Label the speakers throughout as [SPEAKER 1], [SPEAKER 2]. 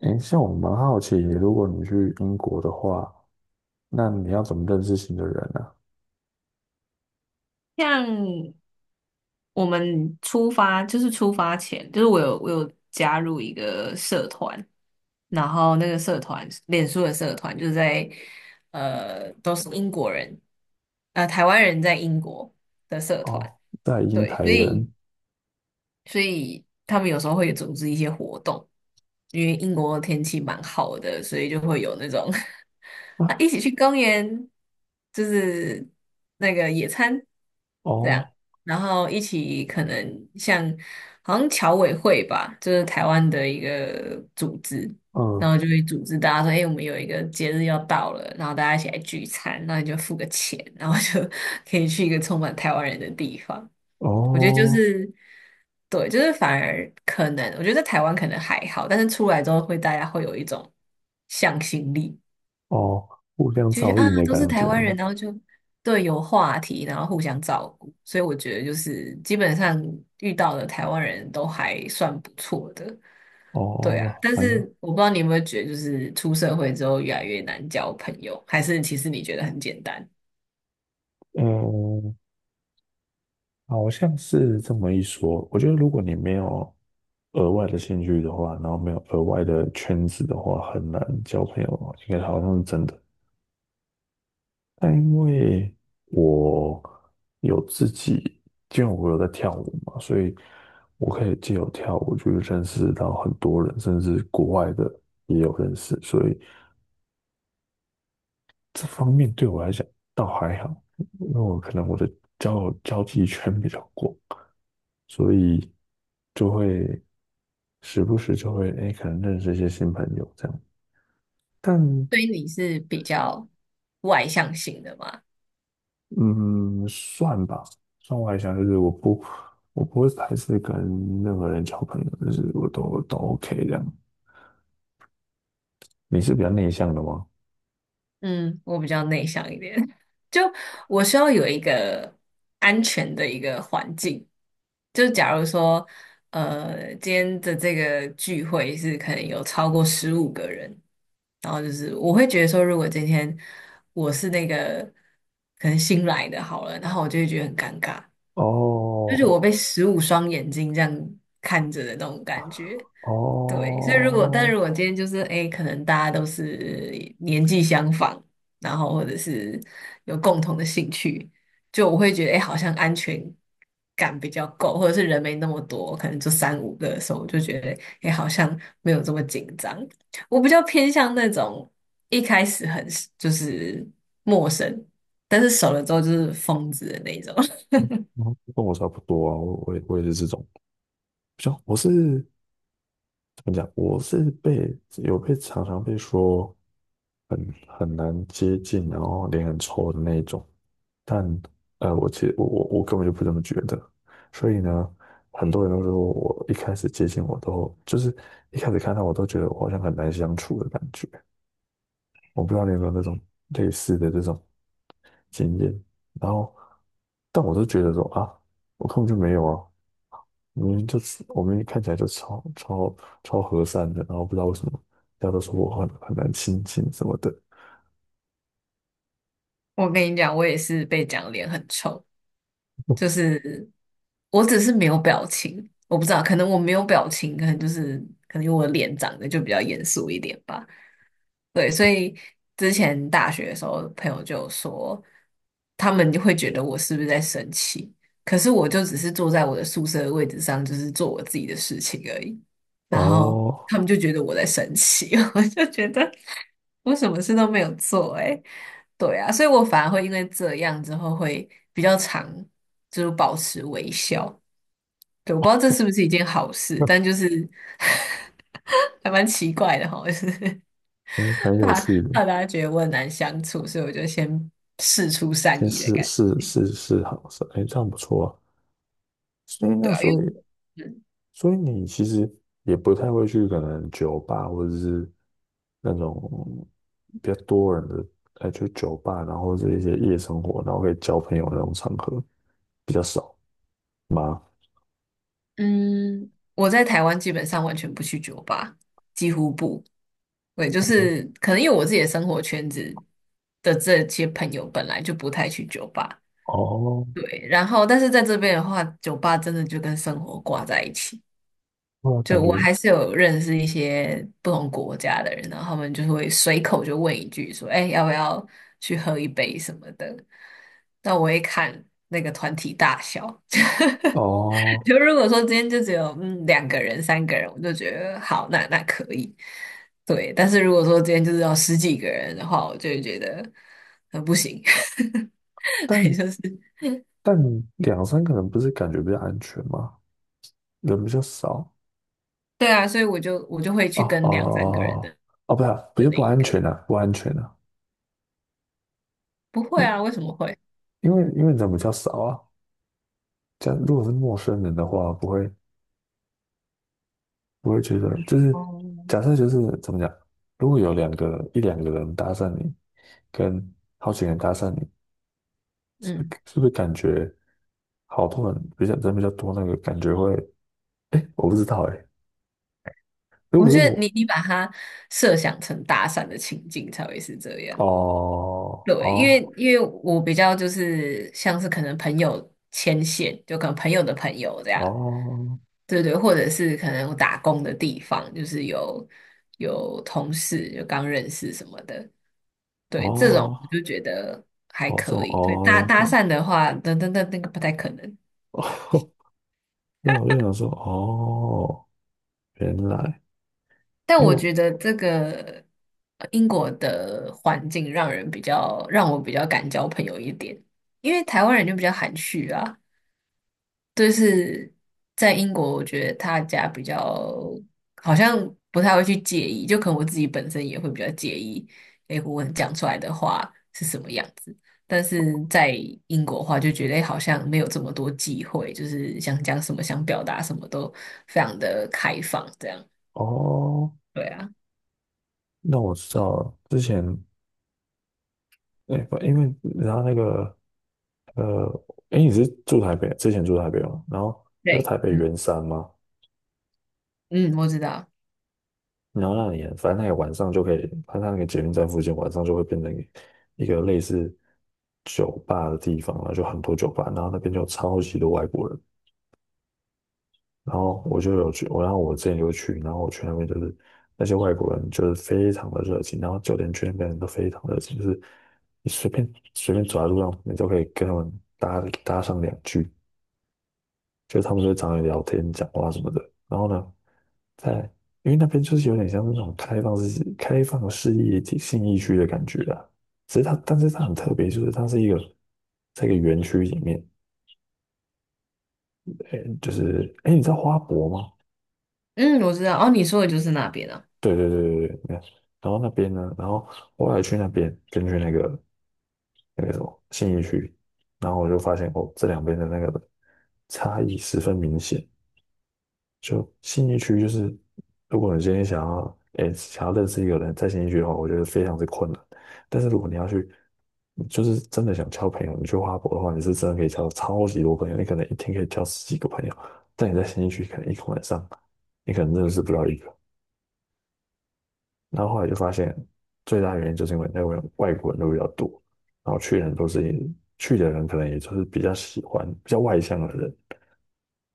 [SPEAKER 1] 诶，像我蛮好奇，如果你去英国的话，那你要怎么认识新的人呢？
[SPEAKER 2] 像我们出发，就是出发前，就是我有加入一个社团，然后那个社团，脸书的社团，就是在都是英国人，台湾人在英国的社团，
[SPEAKER 1] 哦，在英
[SPEAKER 2] 对，
[SPEAKER 1] 台
[SPEAKER 2] 所
[SPEAKER 1] 人
[SPEAKER 2] 以所以他们有时候会组织一些活动，因为英国的天气蛮好的，所以就会有那种 啊
[SPEAKER 1] 啊。
[SPEAKER 2] 一起去公园，就是那个野餐这样，
[SPEAKER 1] 哦。
[SPEAKER 2] 然后一起可能像好像侨委会吧，就是台湾的一个组织。然
[SPEAKER 1] 嗯。
[SPEAKER 2] 后就会组织大家说：“哎、我们有一个节日要到了，然后大家一起来聚餐，那你就付个钱，然后就 可以去一个充满台湾人的地方。”我觉得就
[SPEAKER 1] 哦。
[SPEAKER 2] 是对，就是反而可能，我觉得在台湾可能还好，但是出来之后会大家会有一种向心力，
[SPEAKER 1] 哦。互相
[SPEAKER 2] 就觉
[SPEAKER 1] 照
[SPEAKER 2] 得啊
[SPEAKER 1] 应的
[SPEAKER 2] 都是
[SPEAKER 1] 感觉。
[SPEAKER 2] 台湾人，然后就对有话题，然后互相照顾，所以我觉得就是基本上遇到的台湾人都还算不错的，对啊。
[SPEAKER 1] 哦，
[SPEAKER 2] 但
[SPEAKER 1] 反
[SPEAKER 2] 是
[SPEAKER 1] 正。
[SPEAKER 2] 我不知道你有没有觉得，就是出社会之后越来越难交朋友，还是其实你觉得很简单？
[SPEAKER 1] 嗯。好像是这么一说。我觉得如果你没有额外的兴趣的话，然后没有额外的圈子的话，很难交朋友，应该好像是真的。但因为我有自己，因为我有在跳舞嘛，所以我可以借由跳舞去认识到很多人，甚至国外的也有认识，所以这方面对我来讲倒还好，因为我可能我的交友交际圈比较广，所以就会时不时就会可能认识一些新朋友这样。但
[SPEAKER 2] 所以你是比较外向型的吗？
[SPEAKER 1] 嗯，算吧，算外向，就是我不会排斥跟任何人交朋友，就是我都 OK 这样。你是比较内向的吗？
[SPEAKER 2] 嗯，我比较内向一点，就我需要有一个安全的一个环境。就假如说，今天的这个聚会是可能有超过15个人，然后就是我会觉得说，如果今天我是那个可能新来的好了，然后我就会觉得很尴尬，就是我
[SPEAKER 1] 哦
[SPEAKER 2] 被15双眼睛这样看着的那种感觉。对，所以如果，但
[SPEAKER 1] 哦。
[SPEAKER 2] 如果今天就是，哎，可能大家都是年纪相仿，然后或者是有共同的兴趣，就我会觉得，哎，好像安全感比较够，或者是人没那么多，可能就三五个的时候，我就觉得，哎，好像没有这么紧张。我比较偏向那种一开始很就是陌生，但是熟了之后就是疯子的那种。
[SPEAKER 1] 嗯跟我差不多啊，我也是这种，像我是怎么讲，我是被有被常常被说。很难接近，然后脸很臭的那一种。但我其实我根本就不这么觉得，所以呢，很多人都说我一开始看到我都觉得我好像很难相处的感觉，我不知道你有没有那种类似的这种经验，然后但我都觉得说啊，我根本就没有啊，明明就是我们看起来就超和善的，然后不知道为什么大家都说我很难亲近什么的。
[SPEAKER 2] 我跟你讲，我也是被讲脸很臭。就 是我只是没有表情，我不知道，可能我没有表情，可能就是可能因为我的脸长得就比较严肃一点吧。对，所以之前大学的时候，朋友就有说，他们就会觉得我是不是在生气，可是我就只是坐在我的宿舍的位置上，就是做我自己的事情而已。然后
[SPEAKER 1] 哦。
[SPEAKER 2] 他们就觉得我在生气，我就觉得我什么事都没有做、欸，诶，对啊，所以我反而会因为这样之后会比较常就是保持微笑。对，我不知道这是不是一件好事，但就是 还蛮奇怪的哈，就是。
[SPEAKER 1] 哎，蛮有
[SPEAKER 2] 怕
[SPEAKER 1] 趣的。
[SPEAKER 2] 怕大家觉得我很难相处，所以我就先试出善
[SPEAKER 1] 先
[SPEAKER 2] 意的
[SPEAKER 1] 试
[SPEAKER 2] 感觉，
[SPEAKER 1] 试试试好是，哎，这样不错啊。所以那
[SPEAKER 2] 对啊，因为
[SPEAKER 1] 所以所以你其实也不太会去可能酒吧或者是那种比较多人的，哎，就酒吧，然后是一些夜生活，然后可以交朋友的那种场合比较少吗？
[SPEAKER 2] 嗯，我在台湾基本上完全不去酒吧，几乎不，对，就是可能因为我自己的生活圈子的这些朋友本来就不太去酒吧，
[SPEAKER 1] 哦。
[SPEAKER 2] 对，然后但是在这边的话，酒吧真的就跟生活挂在一起。
[SPEAKER 1] 那感
[SPEAKER 2] 就
[SPEAKER 1] 觉
[SPEAKER 2] 我还是有认识一些不同国家的人，然后他们就会随口就问一句说：“哎，要不要去喝一杯什么的？”那我会看那个团体大小。
[SPEAKER 1] 哦。
[SPEAKER 2] 就如果说今天就只有嗯两个人、三个人，我就觉得好，那那可以。对，但是如果说今天就是要十几个人的话，我就会觉得不行，也
[SPEAKER 1] 但
[SPEAKER 2] 就是
[SPEAKER 1] 但两三个人不是感觉比较安全吗？人比较少
[SPEAKER 2] 对啊，所以我就会去
[SPEAKER 1] 啊。哦哦
[SPEAKER 2] 跟两三个人的
[SPEAKER 1] 哦。哦不是啊不
[SPEAKER 2] 的
[SPEAKER 1] 是
[SPEAKER 2] 那
[SPEAKER 1] 不
[SPEAKER 2] 一
[SPEAKER 1] 安
[SPEAKER 2] 个。
[SPEAKER 1] 全啊，不安全啊。
[SPEAKER 2] 不会啊，
[SPEAKER 1] 因
[SPEAKER 2] 为什么会？
[SPEAKER 1] 因为人比较少啊，如果是陌生人的话，不会觉得就是
[SPEAKER 2] 哦，
[SPEAKER 1] 假设就是怎么讲，如果有一两个人搭讪你，跟好几个人搭讪你，是不是
[SPEAKER 2] 嗯。
[SPEAKER 1] 是不是感觉好多人比较人比较多那个感觉会，我不知道哎、如
[SPEAKER 2] 我
[SPEAKER 1] 果是
[SPEAKER 2] 觉得
[SPEAKER 1] 我
[SPEAKER 2] 你把它设想成搭讪的情境才会是这
[SPEAKER 1] 哦
[SPEAKER 2] 样。对，因
[SPEAKER 1] 哦
[SPEAKER 2] 为因为我比较就是像是可能朋友牵线，就可能朋友的朋友这样，
[SPEAKER 1] 哦
[SPEAKER 2] 对对，或者是可能我打工的地方，就是有同事就刚认识什么的，对，这种我
[SPEAKER 1] 哦
[SPEAKER 2] 就觉得还
[SPEAKER 1] 哦这种
[SPEAKER 2] 可以。对，搭
[SPEAKER 1] 哦
[SPEAKER 2] 搭
[SPEAKER 1] 哦。
[SPEAKER 2] 讪的话，那那那那个不太可能。
[SPEAKER 1] 对啊我就想说哦，原来
[SPEAKER 2] 但
[SPEAKER 1] 因为
[SPEAKER 2] 我
[SPEAKER 1] 我
[SPEAKER 2] 觉得这个英国的环境让人比较让我比较敢交朋友一点，因为台湾人就比较含蓄啊。就是在英国，我觉得大家比较好像不太会去介意，就可能我自己本身也会比较介意，诶，我讲出来的话是什么样子。但是在英国的话，就觉得诶好像没有这么多忌讳，就是想讲什么、想表达什么都非常的开放，这样。
[SPEAKER 1] 哦。
[SPEAKER 2] 对啊，
[SPEAKER 1] 那我知道了，之前。哎，不因为然后那个呃，哎，你是住台北，之前住台北吗？然后在
[SPEAKER 2] 对，
[SPEAKER 1] 台北
[SPEAKER 2] 嗯。
[SPEAKER 1] 圆山吗？
[SPEAKER 2] 嗯，我知道，
[SPEAKER 1] 然后那里，反正那个晚上就可以，它那个捷运站附近晚上就会变成一个类似酒吧的地方，然后就很多酒吧，然后那边就有超级多外国人，然后我就有去，然后我之前有去，然后我去那边就是那些外国人就是非常的热情，然后酒店区那边人都非常热情，就是你随便走在路上，你都可以跟他们搭上2句。就他们就会找你聊天、讲话什么的。然后呢，在因为那边就是有点像是那种开放式、开放式业体信义区的感觉啊。只是它，但是它很特别，就是它是一个在一个园区里面，哎，就是哎，诶你知道花博吗？
[SPEAKER 2] 嗯，我知道。哦，你说的就是那边啊。
[SPEAKER 1] 对对对对对，那然后那边呢，然后后来去那边，根据那个什么信义区，然后我就发现哦，这两边的那个差异十分明显。就信义区，就是如果你今天想要，诶、想要认识一个人，在信义区的话，我觉得非常之困难。但是如果你要去，你就是真的想交朋友，你去花博的话，你是真的可以交超级多朋友，你可能一天可以交十几个朋友。但你在信义区，可能一个晚上，你可能认识不到一个。然后后来就发现，最大原因就是因为那边外国人都比较多，然后去的人，可能也就是比较喜欢比较外向的人。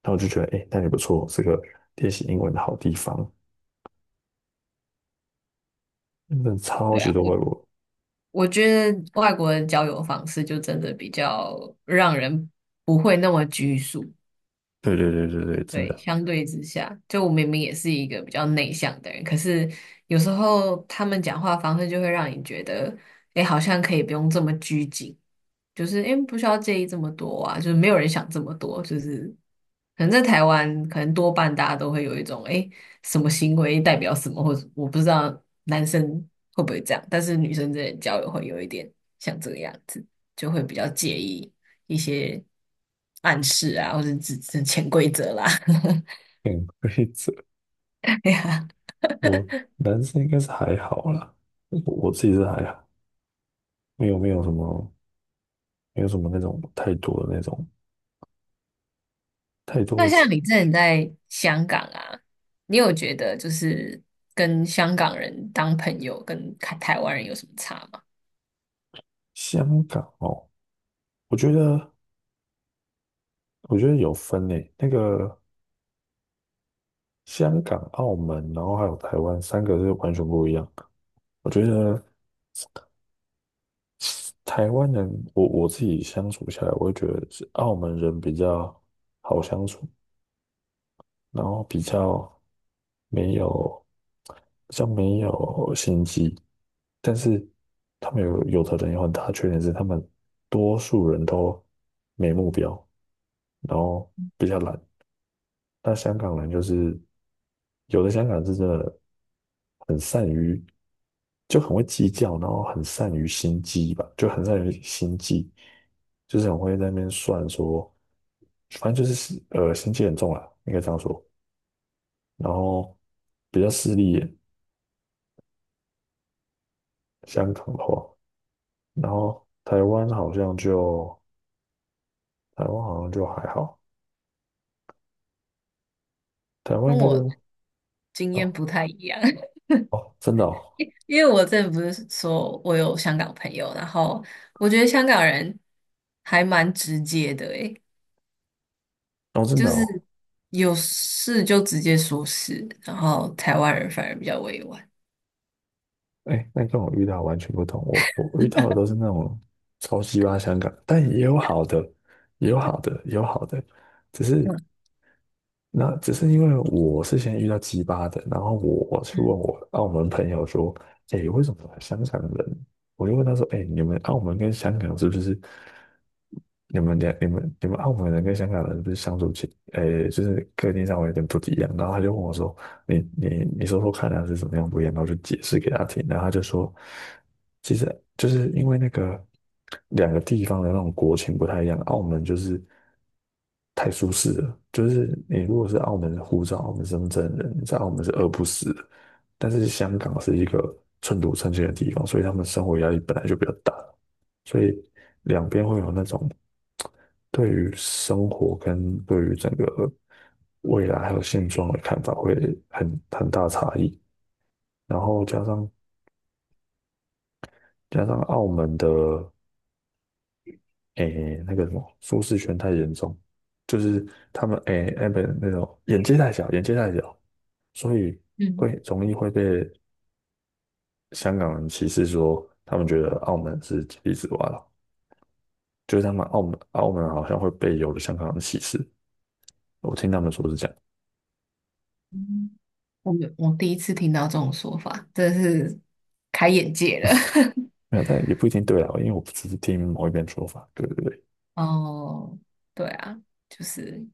[SPEAKER 1] 然后我就觉得，哎、那里不错，是个练习英文的好地方。真的超
[SPEAKER 2] 对
[SPEAKER 1] 级
[SPEAKER 2] 啊，
[SPEAKER 1] 多
[SPEAKER 2] 我
[SPEAKER 1] 外国人。
[SPEAKER 2] 我觉得外国的交友方式就真的比较让人不会那么拘束。
[SPEAKER 1] 对对对对对，真
[SPEAKER 2] 对，
[SPEAKER 1] 的。
[SPEAKER 2] 相对之下，就我明明也是一个比较内向的人，可是有时候他们讲话方式就会让你觉得，哎，好像可以不用这么拘谨，就是因为不需要介意这么多啊，就是没有人想这么多，就是可能在台湾，可能多半大家都会有一种，哎，什么行为代表什么，或者我不知道男生会不会这样，但是女生之间的交友会有一点像这个样子，就会比较介意一些暗示啊，或者只是潜规则啦。
[SPEAKER 1] 潜规则。
[SPEAKER 2] 哎呀，
[SPEAKER 1] 我男生应该是还好啦，我自己是还好，没有什么没有什么那种太多的那种太多
[SPEAKER 2] 那
[SPEAKER 1] 的
[SPEAKER 2] 像
[SPEAKER 1] 钱。
[SPEAKER 2] 你之前在香港啊，你有觉得就是跟香港人当朋友跟台台湾人有什么差吗？
[SPEAKER 1] 香港哦。我觉得我觉得有分诶，那个香港、澳门，然后还有台湾三个是完全不一样。我觉得台湾人，我自己相处下来，我会觉得是澳门人比较好相处，然后比较。没有，像没有心机，但是他们有的人有很大的缺点是，他们多数人都没目标，然后比较懒。那香港人就是有的香港人是真的很善于，就很会计较，然后很善于心机吧，就很善于心计，就是很会在那边算说，反正就是心机很重啦，应该这样说。然后比较势利眼，香港的话，然后台湾好像就还好，台湾应
[SPEAKER 2] 跟
[SPEAKER 1] 该
[SPEAKER 2] 我
[SPEAKER 1] 就
[SPEAKER 2] 经验不
[SPEAKER 1] 哦
[SPEAKER 2] 太一样。
[SPEAKER 1] 哦真的哦
[SPEAKER 2] 因为我之前不是说我有香港朋友，然后我觉得香港人还蛮直接的，诶，
[SPEAKER 1] 哦真
[SPEAKER 2] 就
[SPEAKER 1] 的哦。
[SPEAKER 2] 是有事就直接说事，然后台湾人反而比较委婉。
[SPEAKER 1] 哎，那跟我遇到完全不同，我遇到的都是那种超级巴香港，但也有好的，也有好的，也有好的，只是。那只是因为我是先遇到鸡巴的，然后我去问
[SPEAKER 2] 嗯
[SPEAKER 1] 我澳门朋友说，哎，为什么香港人？我就问他说，哎，你们澳门跟香港是不是你们两你们你们澳门人跟香港人是不是相处起，哎，就是个性上有点不一样？然后他就问我说，你你说说看他是怎么样不一样，然后就解释给他听，然后他就说，其实就是因为那个2个地方的那种国情不太一样，澳门就是太舒适了，就是你如果是澳门的护照、澳门身份证的人，你在澳门是饿不死的，但是香港是一个寸土寸金的地方，所以他们生活压力本来就比较大，所以。两边会有那种对于生活跟对于整个未来还有现状的看法会很大差异。然后加上澳门的诶那个什么舒适圈太严重，就是他们诶那边那种眼界太小，眼界太小，所以会
[SPEAKER 2] 嗯
[SPEAKER 1] 容易会被香港人歧视说他们觉得澳门是井底之蛙了，就是他们澳门好像会被有的香港人歧视，我听他们说是这样。
[SPEAKER 2] 嗯，嗯我没有我第一次听到这种说法，真的是开眼界了。
[SPEAKER 1] 没有，但也不一定对啊，因为我只是听某一边说法。对对对。
[SPEAKER 2] 哦，对啊，就是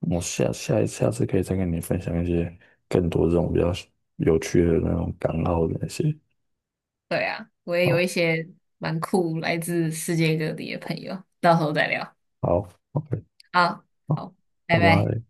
[SPEAKER 1] 我下次可以再跟你分享一些更多这种比较有趣的那种港澳的那些。
[SPEAKER 2] 对啊，我也有一
[SPEAKER 1] 好。
[SPEAKER 2] 些蛮酷来自世界各地的朋友，到时候再聊。
[SPEAKER 1] 好，OK,
[SPEAKER 2] 好，
[SPEAKER 1] 好，
[SPEAKER 2] 好，拜
[SPEAKER 1] 拜
[SPEAKER 2] 拜。
[SPEAKER 1] 拜。